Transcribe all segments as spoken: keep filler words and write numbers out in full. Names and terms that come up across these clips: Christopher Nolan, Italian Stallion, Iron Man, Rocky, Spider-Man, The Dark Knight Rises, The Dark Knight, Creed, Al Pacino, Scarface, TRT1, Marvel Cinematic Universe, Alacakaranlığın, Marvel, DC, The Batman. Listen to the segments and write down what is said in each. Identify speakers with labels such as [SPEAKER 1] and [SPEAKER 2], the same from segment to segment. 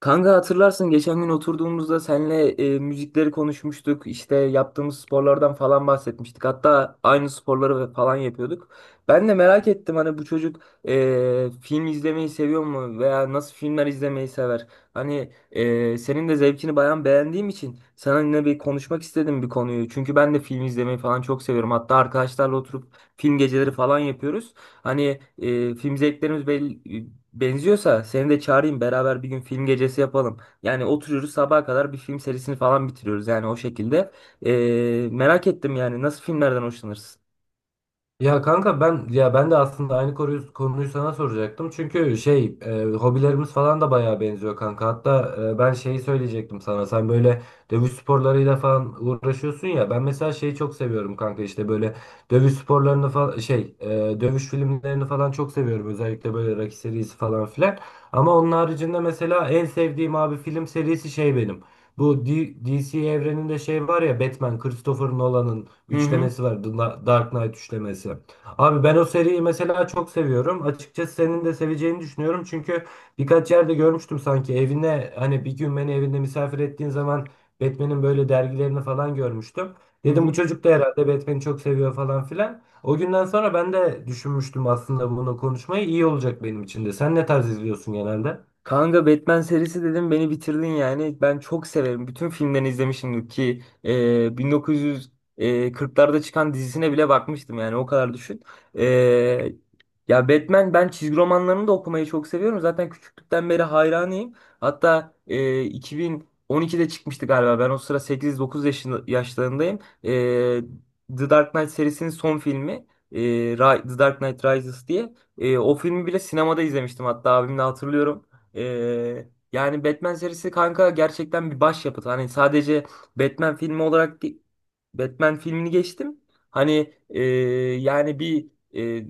[SPEAKER 1] Kanka hatırlarsın geçen gün oturduğumuzda senle e, müzikleri konuşmuştuk. İşte yaptığımız sporlardan falan bahsetmiştik. Hatta aynı sporları ve falan yapıyorduk. Ben de merak ettim hani bu çocuk e, film izlemeyi seviyor mu veya nasıl filmler izlemeyi sever? Hani e, senin de zevkini bayan beğendiğim için seninle bir konuşmak istedim bir konuyu. Çünkü ben de film izlemeyi falan çok seviyorum. Hatta arkadaşlarla oturup film geceleri falan yapıyoruz. Hani e, film zevklerimiz bel- benziyorsa seni de çağırayım, beraber bir gün film gecesi yapalım. Yani oturuyoruz, sabaha kadar bir film serisini falan bitiriyoruz, yani o şekilde. E, merak ettim yani nasıl filmlerden hoşlanırsın?
[SPEAKER 2] Ya kanka ben ya ben de aslında aynı konuyu, konuyu sana soracaktım. Çünkü şey e, hobilerimiz falan da bayağı benziyor kanka. Hatta e, ben şeyi söyleyecektim sana. Sen böyle dövüş sporlarıyla falan uğraşıyorsun ya. Ben mesela şeyi çok seviyorum kanka işte böyle dövüş sporlarını falan şey e, dövüş filmlerini falan çok seviyorum. Özellikle böyle Rocky serisi falan filan. Ama onun haricinde mesela en sevdiğim abi film serisi şey benim. Bu D- DC evreninde şey var ya Batman, Christopher Nolan'ın
[SPEAKER 1] Hı hı.
[SPEAKER 2] üçlemesi var. The Dark Knight üçlemesi. Abi ben o seriyi mesela çok seviyorum. Açıkçası senin de seveceğini düşünüyorum. Çünkü birkaç yerde görmüştüm sanki evine hani bir gün beni evinde misafir ettiğin zaman Batman'in böyle dergilerini falan görmüştüm.
[SPEAKER 1] Hı
[SPEAKER 2] Dedim bu
[SPEAKER 1] hı.
[SPEAKER 2] çocuk da herhalde Batman'i çok seviyor falan filan. O günden sonra ben de düşünmüştüm aslında bunu konuşmayı. İyi olacak benim için de. Sen ne tarz izliyorsun genelde?
[SPEAKER 1] Kanka Batman serisi dedim, beni bitirdin yani. Ben çok severim. Bütün filmlerini izlemişim ki e, bin dokuz yüz kırklarda çıkan dizisine bile bakmıştım, yani o kadar düşün. E, ya Batman, ben çizgi romanlarını da okumayı çok seviyorum. Zaten küçüklükten beri hayranıyım. Hatta e, iki bin on ikide çıkmıştı galiba. Ben o sıra sekiz dokuz yaşında, yaşlarındayım. E, The Dark Knight serisinin son filmi. e, Ra- The Dark Knight Rises diye. E, o filmi bile sinemada izlemiştim, hatta abimle hatırlıyorum. Ee, yani Batman serisi kanka gerçekten bir başyapıt. Hani sadece Batman filmi olarak değil. Batman filmini geçtim. Hani e, yani bir e,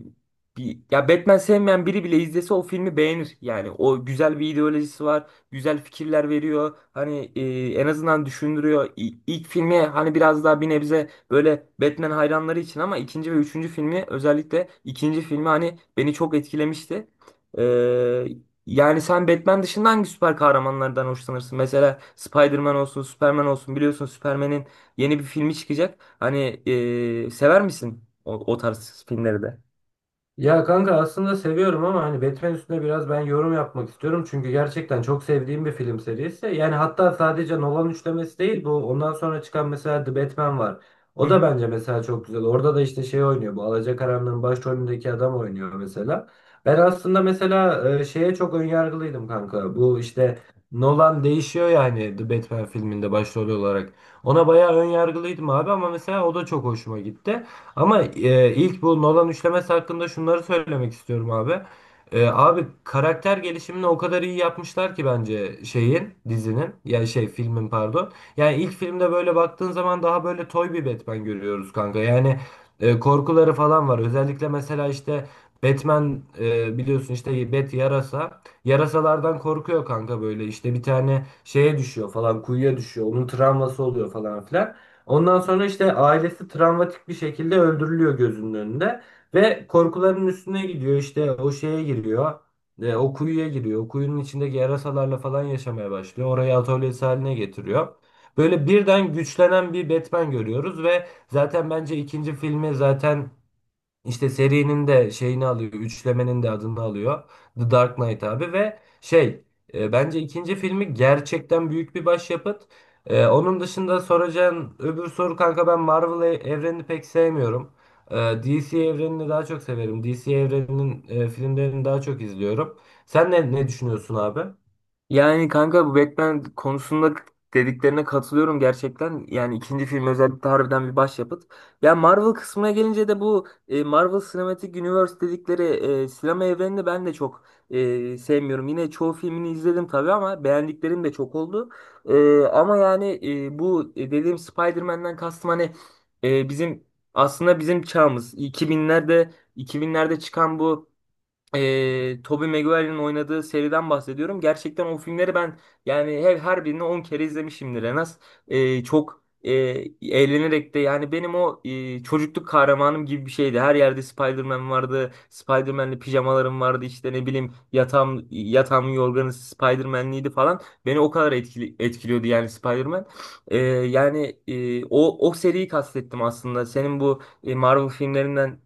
[SPEAKER 1] bir Ya Batman sevmeyen biri bile izlese o filmi beğenir. Yani o, güzel bir ideolojisi var, güzel fikirler veriyor. Hani e, en azından düşündürüyor. İ- İlk filmi hani biraz daha bir nebze böyle Batman hayranları için, ama ikinci ve üçüncü filmi, özellikle ikinci filmi, hani beni çok etkilemişti. E, Yani sen Batman dışında hangi süper kahramanlardan hoşlanırsın? Mesela Spider-Man olsun, Superman olsun. Biliyorsun Superman'in yeni bir filmi çıkacak. Hani e, sever misin o, o tarz filmleri de?
[SPEAKER 2] Ya kanka aslında seviyorum ama hani Batman üstüne biraz ben yorum yapmak istiyorum. Çünkü gerçekten çok sevdiğim bir film serisi. Yani hatta sadece Nolan üçlemesi değil bu. Ondan sonra çıkan mesela The Batman var.
[SPEAKER 1] Hı
[SPEAKER 2] O da
[SPEAKER 1] hı.
[SPEAKER 2] bence mesela çok güzel. Orada da işte şey oynuyor. Bu Alacakaranlığın başrolündeki adam oynuyor mesela. Ben aslında mesela e, şeye çok önyargılıydım kanka. Bu işte Nolan değişiyor yani The Batman filminde başrol olarak. Ona bayağı önyargılıydım abi ama mesela o da çok hoşuma gitti. Ama e, ilk bu Nolan üçlemesi hakkında şunları söylemek istiyorum abi. E, abi karakter gelişimini o kadar iyi yapmışlar ki bence şeyin dizinin ya şey filmin pardon. Yani ilk filmde böyle baktığın zaman daha böyle toy bir Batman görüyoruz kanka. Yani e, korkuları falan var. Özellikle mesela işte Batman e, biliyorsun işte Bat yarasa. Yarasalardan korkuyor kanka böyle işte bir tane şeye düşüyor falan kuyuya düşüyor. Onun travması oluyor falan filan. Ondan sonra işte ailesi travmatik bir şekilde öldürülüyor gözünün önünde. Ve korkuların üstüne gidiyor işte o şeye giriyor. E, o kuyuya giriyor. O kuyunun içindeki yarasalarla falan yaşamaya başlıyor. Orayı atölyesi haline getiriyor. Böyle birden güçlenen bir Batman görüyoruz ve zaten bence ikinci filmi zaten işte serinin de şeyini alıyor, üçlemenin de adını alıyor. The Dark Knight abi ve şey e, bence ikinci filmi gerçekten büyük bir başyapıt. E, onun dışında soracağın öbür soru kanka ben Marvel e- evrenini pek sevmiyorum. E, D C evrenini daha çok severim. D C evreninin e, filmlerini daha çok izliyorum. Sen ne, ne düşünüyorsun abi?
[SPEAKER 1] Yani kanka bu Batman konusunda dediklerine katılıyorum gerçekten. Yani ikinci film özellikle harbiden bir başyapıt. Ya Marvel kısmına gelince de bu e, Marvel Cinematic Universe dedikleri e, sinema evrenini ben de çok e, sevmiyorum. Yine çoğu filmini izledim tabii, ama beğendiklerim de çok oldu. E, ama yani e, bu e, dediğim Spider-Man'den kastım, hani e, bizim aslında bizim çağımız iki binlerde iki binlerde çıkan bu e, Tobey Maguire'in oynadığı seriden bahsediyorum. Gerçekten o filmleri ben yani her, her birini on kere izlemişimdir en az. E, çok e, eğlenerek de, yani benim o e, çocukluk kahramanım gibi bir şeydi. Her yerde Spider-Man vardı. Spider-Man'li pijamalarım vardı. İşte ne bileyim, yatağım, yatağımın yorganı Spider-Man'liydi falan. Beni o kadar etkili, etkiliyordu yani Spider-Man. E, yani e, o, o seriyi kastettim aslında. Senin bu e, Marvel filmlerinden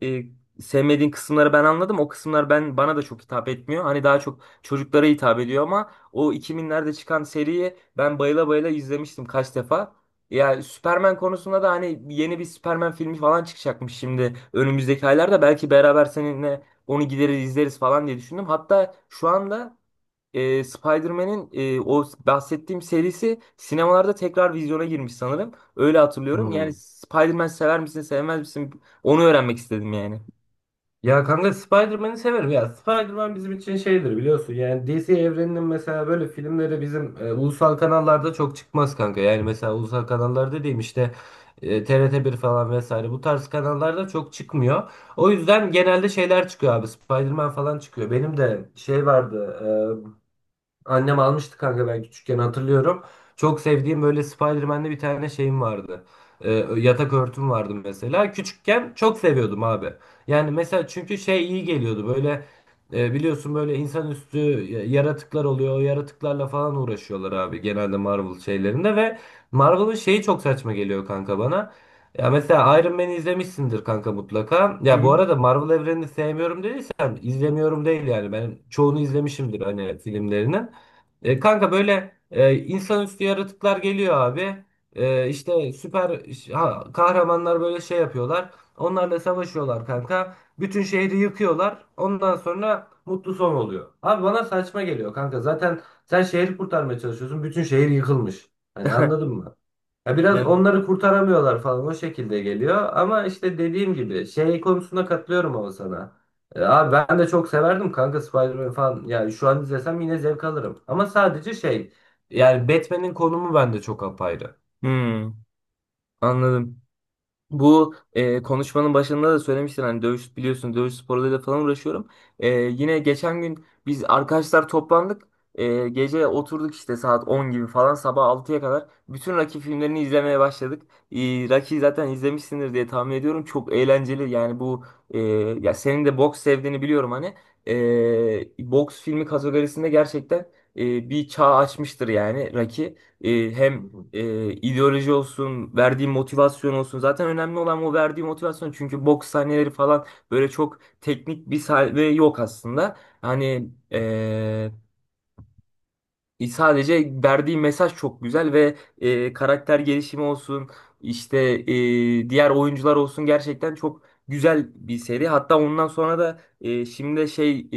[SPEAKER 1] sevmediğin kısımları ben anladım. O kısımlar ben bana da çok hitap etmiyor. Hani daha çok çocuklara hitap ediyor, ama o iki binlerde çıkan seriyi ben bayıla bayıla izlemiştim kaç defa. Yani Superman konusunda da, hani yeni bir Superman filmi falan çıkacakmış şimdi önümüzdeki aylarda. Belki beraber seninle onu gideriz izleriz falan diye düşündüm. Hatta şu anda e, Spider-Man'in e, o bahsettiğim serisi sinemalarda tekrar vizyona girmiş sanırım. Öyle hatırlıyorum. Yani
[SPEAKER 2] Hmm.
[SPEAKER 1] Spider-Man sever misin sevmez misin, onu öğrenmek istedim yani.
[SPEAKER 2] Ya kanka Spider-Man'i severim ya. Spider-Man bizim için şeydir biliyorsun. Yani D C evreninin mesela böyle filmleri bizim e, ulusal kanallarda çok çıkmaz kanka. Yani mesela ulusal kanallar dediğim işte e, T R T bir falan vesaire bu tarz kanallarda çok çıkmıyor. O yüzden genelde şeyler çıkıyor abi. Spider-Man falan çıkıyor. Benim de şey vardı. e, Annem almıştı kanka ben küçükken hatırlıyorum. Çok sevdiğim böyle Spider-Man'de bir tane şeyim vardı. Ee, Yatak örtüm vardı mesela. Küçükken çok seviyordum abi. Yani mesela çünkü şey iyi geliyordu böyle e, biliyorsun böyle insanüstü y- yaratıklar oluyor. O yaratıklarla falan uğraşıyorlar abi genelde Marvel şeylerinde ve Marvel'ın şeyi çok saçma geliyor kanka bana. Ya mesela Iron Man'i izlemişsindir kanka mutlaka.
[SPEAKER 1] Hı
[SPEAKER 2] Ya bu
[SPEAKER 1] hı.
[SPEAKER 2] arada Marvel evrenini sevmiyorum dediysen izlemiyorum değil yani. Ben çoğunu izlemişimdir hani filmlerini. E, kanka böyle e, insanüstü yaratıklar geliyor abi. E, işte süper ha- kahramanlar böyle şey yapıyorlar. Onlarla savaşıyorlar kanka. Bütün şehri yıkıyorlar. Ondan sonra mutlu son oluyor. Abi bana saçma geliyor kanka. Zaten sen şehri kurtarmaya çalışıyorsun. Bütün şehir yıkılmış. Hani anladın mı? Ya biraz
[SPEAKER 1] Evet.
[SPEAKER 2] onları kurtaramıyorlar falan o şekilde geliyor. Ama işte dediğim gibi şey konusunda katılıyorum ama sana. E, abi ben de çok severdim kanka Spider-Man falan. Yani şu an izlesem yine zevk alırım. Ama sadece şey yani Batman'in konumu bende çok apayrı.
[SPEAKER 1] Hmm, anladım. Bu e, konuşmanın başında da söylemiştin, hani dövüş, biliyorsun dövüş sporlarıyla falan uğraşıyorum. E, yine geçen gün biz arkadaşlar toplandık. E, gece oturduk işte saat on gibi falan sabah altıya kadar. Bütün Rocky filmlerini izlemeye başladık. E, Rocky zaten izlemişsindir diye tahmin ediyorum. Çok eğlenceli yani bu e, ya senin de boks sevdiğini biliyorum hani. E, boks filmi kategorisinde gerçekten e, bir çağ açmıştır yani Rocky. E,
[SPEAKER 2] Hı
[SPEAKER 1] hem
[SPEAKER 2] hı.
[SPEAKER 1] e, ideoloji olsun, verdiği motivasyon olsun. Zaten önemli olan o verdiği motivasyon. Çünkü boks sahneleri falan, böyle çok teknik bir sahne yok aslında. Hani, e, e, sadece verdiği mesaj çok güzel ve e, karakter gelişimi olsun, işte e, diğer oyuncular olsun, gerçekten çok güzel bir seri. Hatta ondan sonra da e, şimdi de şey e,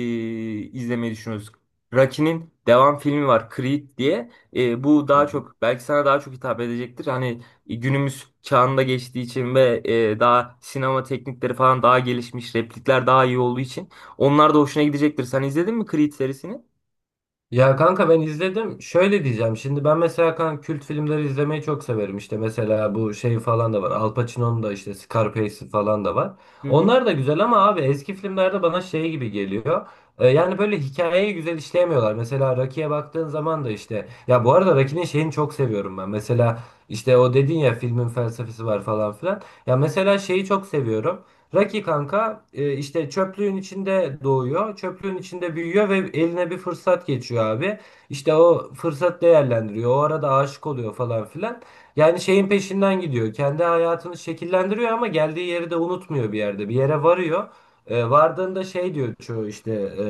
[SPEAKER 1] izlemeyi düşünüyoruz. Rocky'nin devam filmi var, Creed diye. E, bu
[SPEAKER 2] Hı
[SPEAKER 1] daha
[SPEAKER 2] hı.
[SPEAKER 1] çok belki sana daha çok hitap edecektir. Hani e, günümüz çağında geçtiği için ve e, daha sinema teknikleri falan daha gelişmiş, replikler daha iyi olduğu için onlar da hoşuna gidecektir. Sen izledin mi Creed serisini?
[SPEAKER 2] Ya kanka ben izledim. Şöyle diyeceğim. Şimdi ben mesela kanka kült filmleri izlemeyi çok severim. İşte mesela bu şey falan da var. Al Pacino'nun da işte Scarface'i falan da var.
[SPEAKER 1] Hı hı.
[SPEAKER 2] Onlar da güzel ama abi eski filmlerde bana şey gibi geliyor. Ee, yani böyle hikayeyi güzel işleyemiyorlar. Mesela Rocky'ye baktığın zaman da işte ya bu arada Rocky'nin şeyini çok seviyorum ben. Mesela işte o dedin ya filmin felsefesi var falan filan. Ya mesela şeyi çok seviyorum. Raki kanka e, işte çöplüğün içinde doğuyor, çöplüğün içinde büyüyor ve eline bir fırsat geçiyor abi. İşte o fırsat değerlendiriyor, o arada aşık oluyor falan filan. Yani şeyin peşinden gidiyor, kendi hayatını şekillendiriyor ama geldiği yeri de unutmuyor bir yerde, bir yere varıyor. E, vardığında şey diyor çoğu işte e,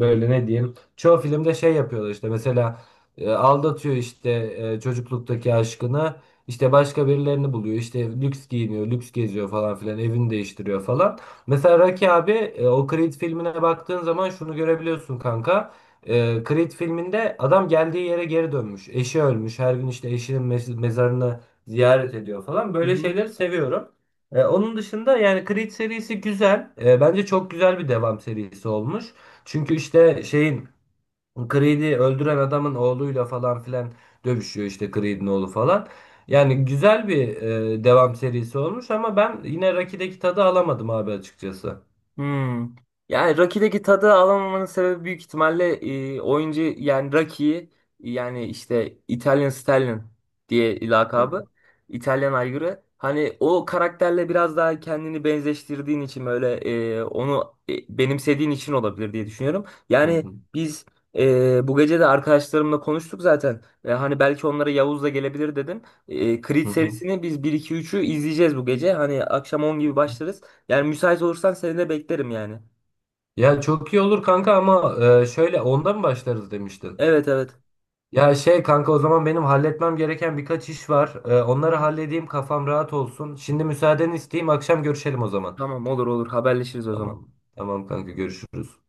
[SPEAKER 2] böyle ne diyeyim, çoğu filmde şey yapıyorlar işte mesela e, aldatıyor işte e, çocukluktaki aşkını. İşte başka birilerini buluyor. İşte lüks giyiniyor, lüks geziyor falan filan. Evini değiştiriyor falan. Mesela Rocky abi e, o Creed filmine baktığın zaman şunu görebiliyorsun kanka. E, Creed filminde adam geldiği yere geri dönmüş. Eşi ölmüş. Her gün işte eşinin mez- mezarını ziyaret ediyor falan.
[SPEAKER 1] hı
[SPEAKER 2] Böyle
[SPEAKER 1] hı.
[SPEAKER 2] şeyleri seviyorum. E, onun dışında yani Creed serisi güzel. E, bence çok güzel bir devam serisi olmuş. Çünkü işte şeyin Creed'i öldüren adamın oğluyla falan filan dövüşüyor işte Creed'in oğlu falan. Yani güzel bir e, devam serisi olmuş ama ben yine Rocky'deki tadı alamadım abi açıkçası.
[SPEAKER 1] Hmm. Yani Rocky'deki tadı alamamanın sebebi büyük ihtimalle e, oyuncu, yani Rocky'yi, yani işte Italian Stallion diye
[SPEAKER 2] Hı hı.
[SPEAKER 1] lakabı, İtalyan aygırı. Hani o karakterle biraz daha kendini benzeştirdiğin için, böyle e, onu e, benimsediğin için olabilir diye düşünüyorum.
[SPEAKER 2] Hı
[SPEAKER 1] Yani
[SPEAKER 2] hı.
[SPEAKER 1] biz e, bu gece de arkadaşlarımla konuştuk zaten. E, hani belki onlara Yavuz da gelebilir dedim. E, Creed
[SPEAKER 2] Hı hı.
[SPEAKER 1] serisini biz bir iki üçü izleyeceğiz bu gece. Hani akşam on
[SPEAKER 2] Hı
[SPEAKER 1] gibi
[SPEAKER 2] hı.
[SPEAKER 1] başlarız. Yani müsait olursan seni de beklerim yani.
[SPEAKER 2] Ya çok iyi olur kanka ama e, şöyle onda mı başlarız demiştin?
[SPEAKER 1] Evet, evet.
[SPEAKER 2] Ya şey kanka o zaman benim halletmem gereken birkaç iş var. E,
[SPEAKER 1] Hı
[SPEAKER 2] onları
[SPEAKER 1] hı.
[SPEAKER 2] halledeyim kafam rahat olsun. Şimdi müsaadeni isteyeyim akşam görüşelim o zaman.
[SPEAKER 1] Tamam, olur olur, haberleşiriz o zaman.
[SPEAKER 2] Tamam. Tamam kanka görüşürüz.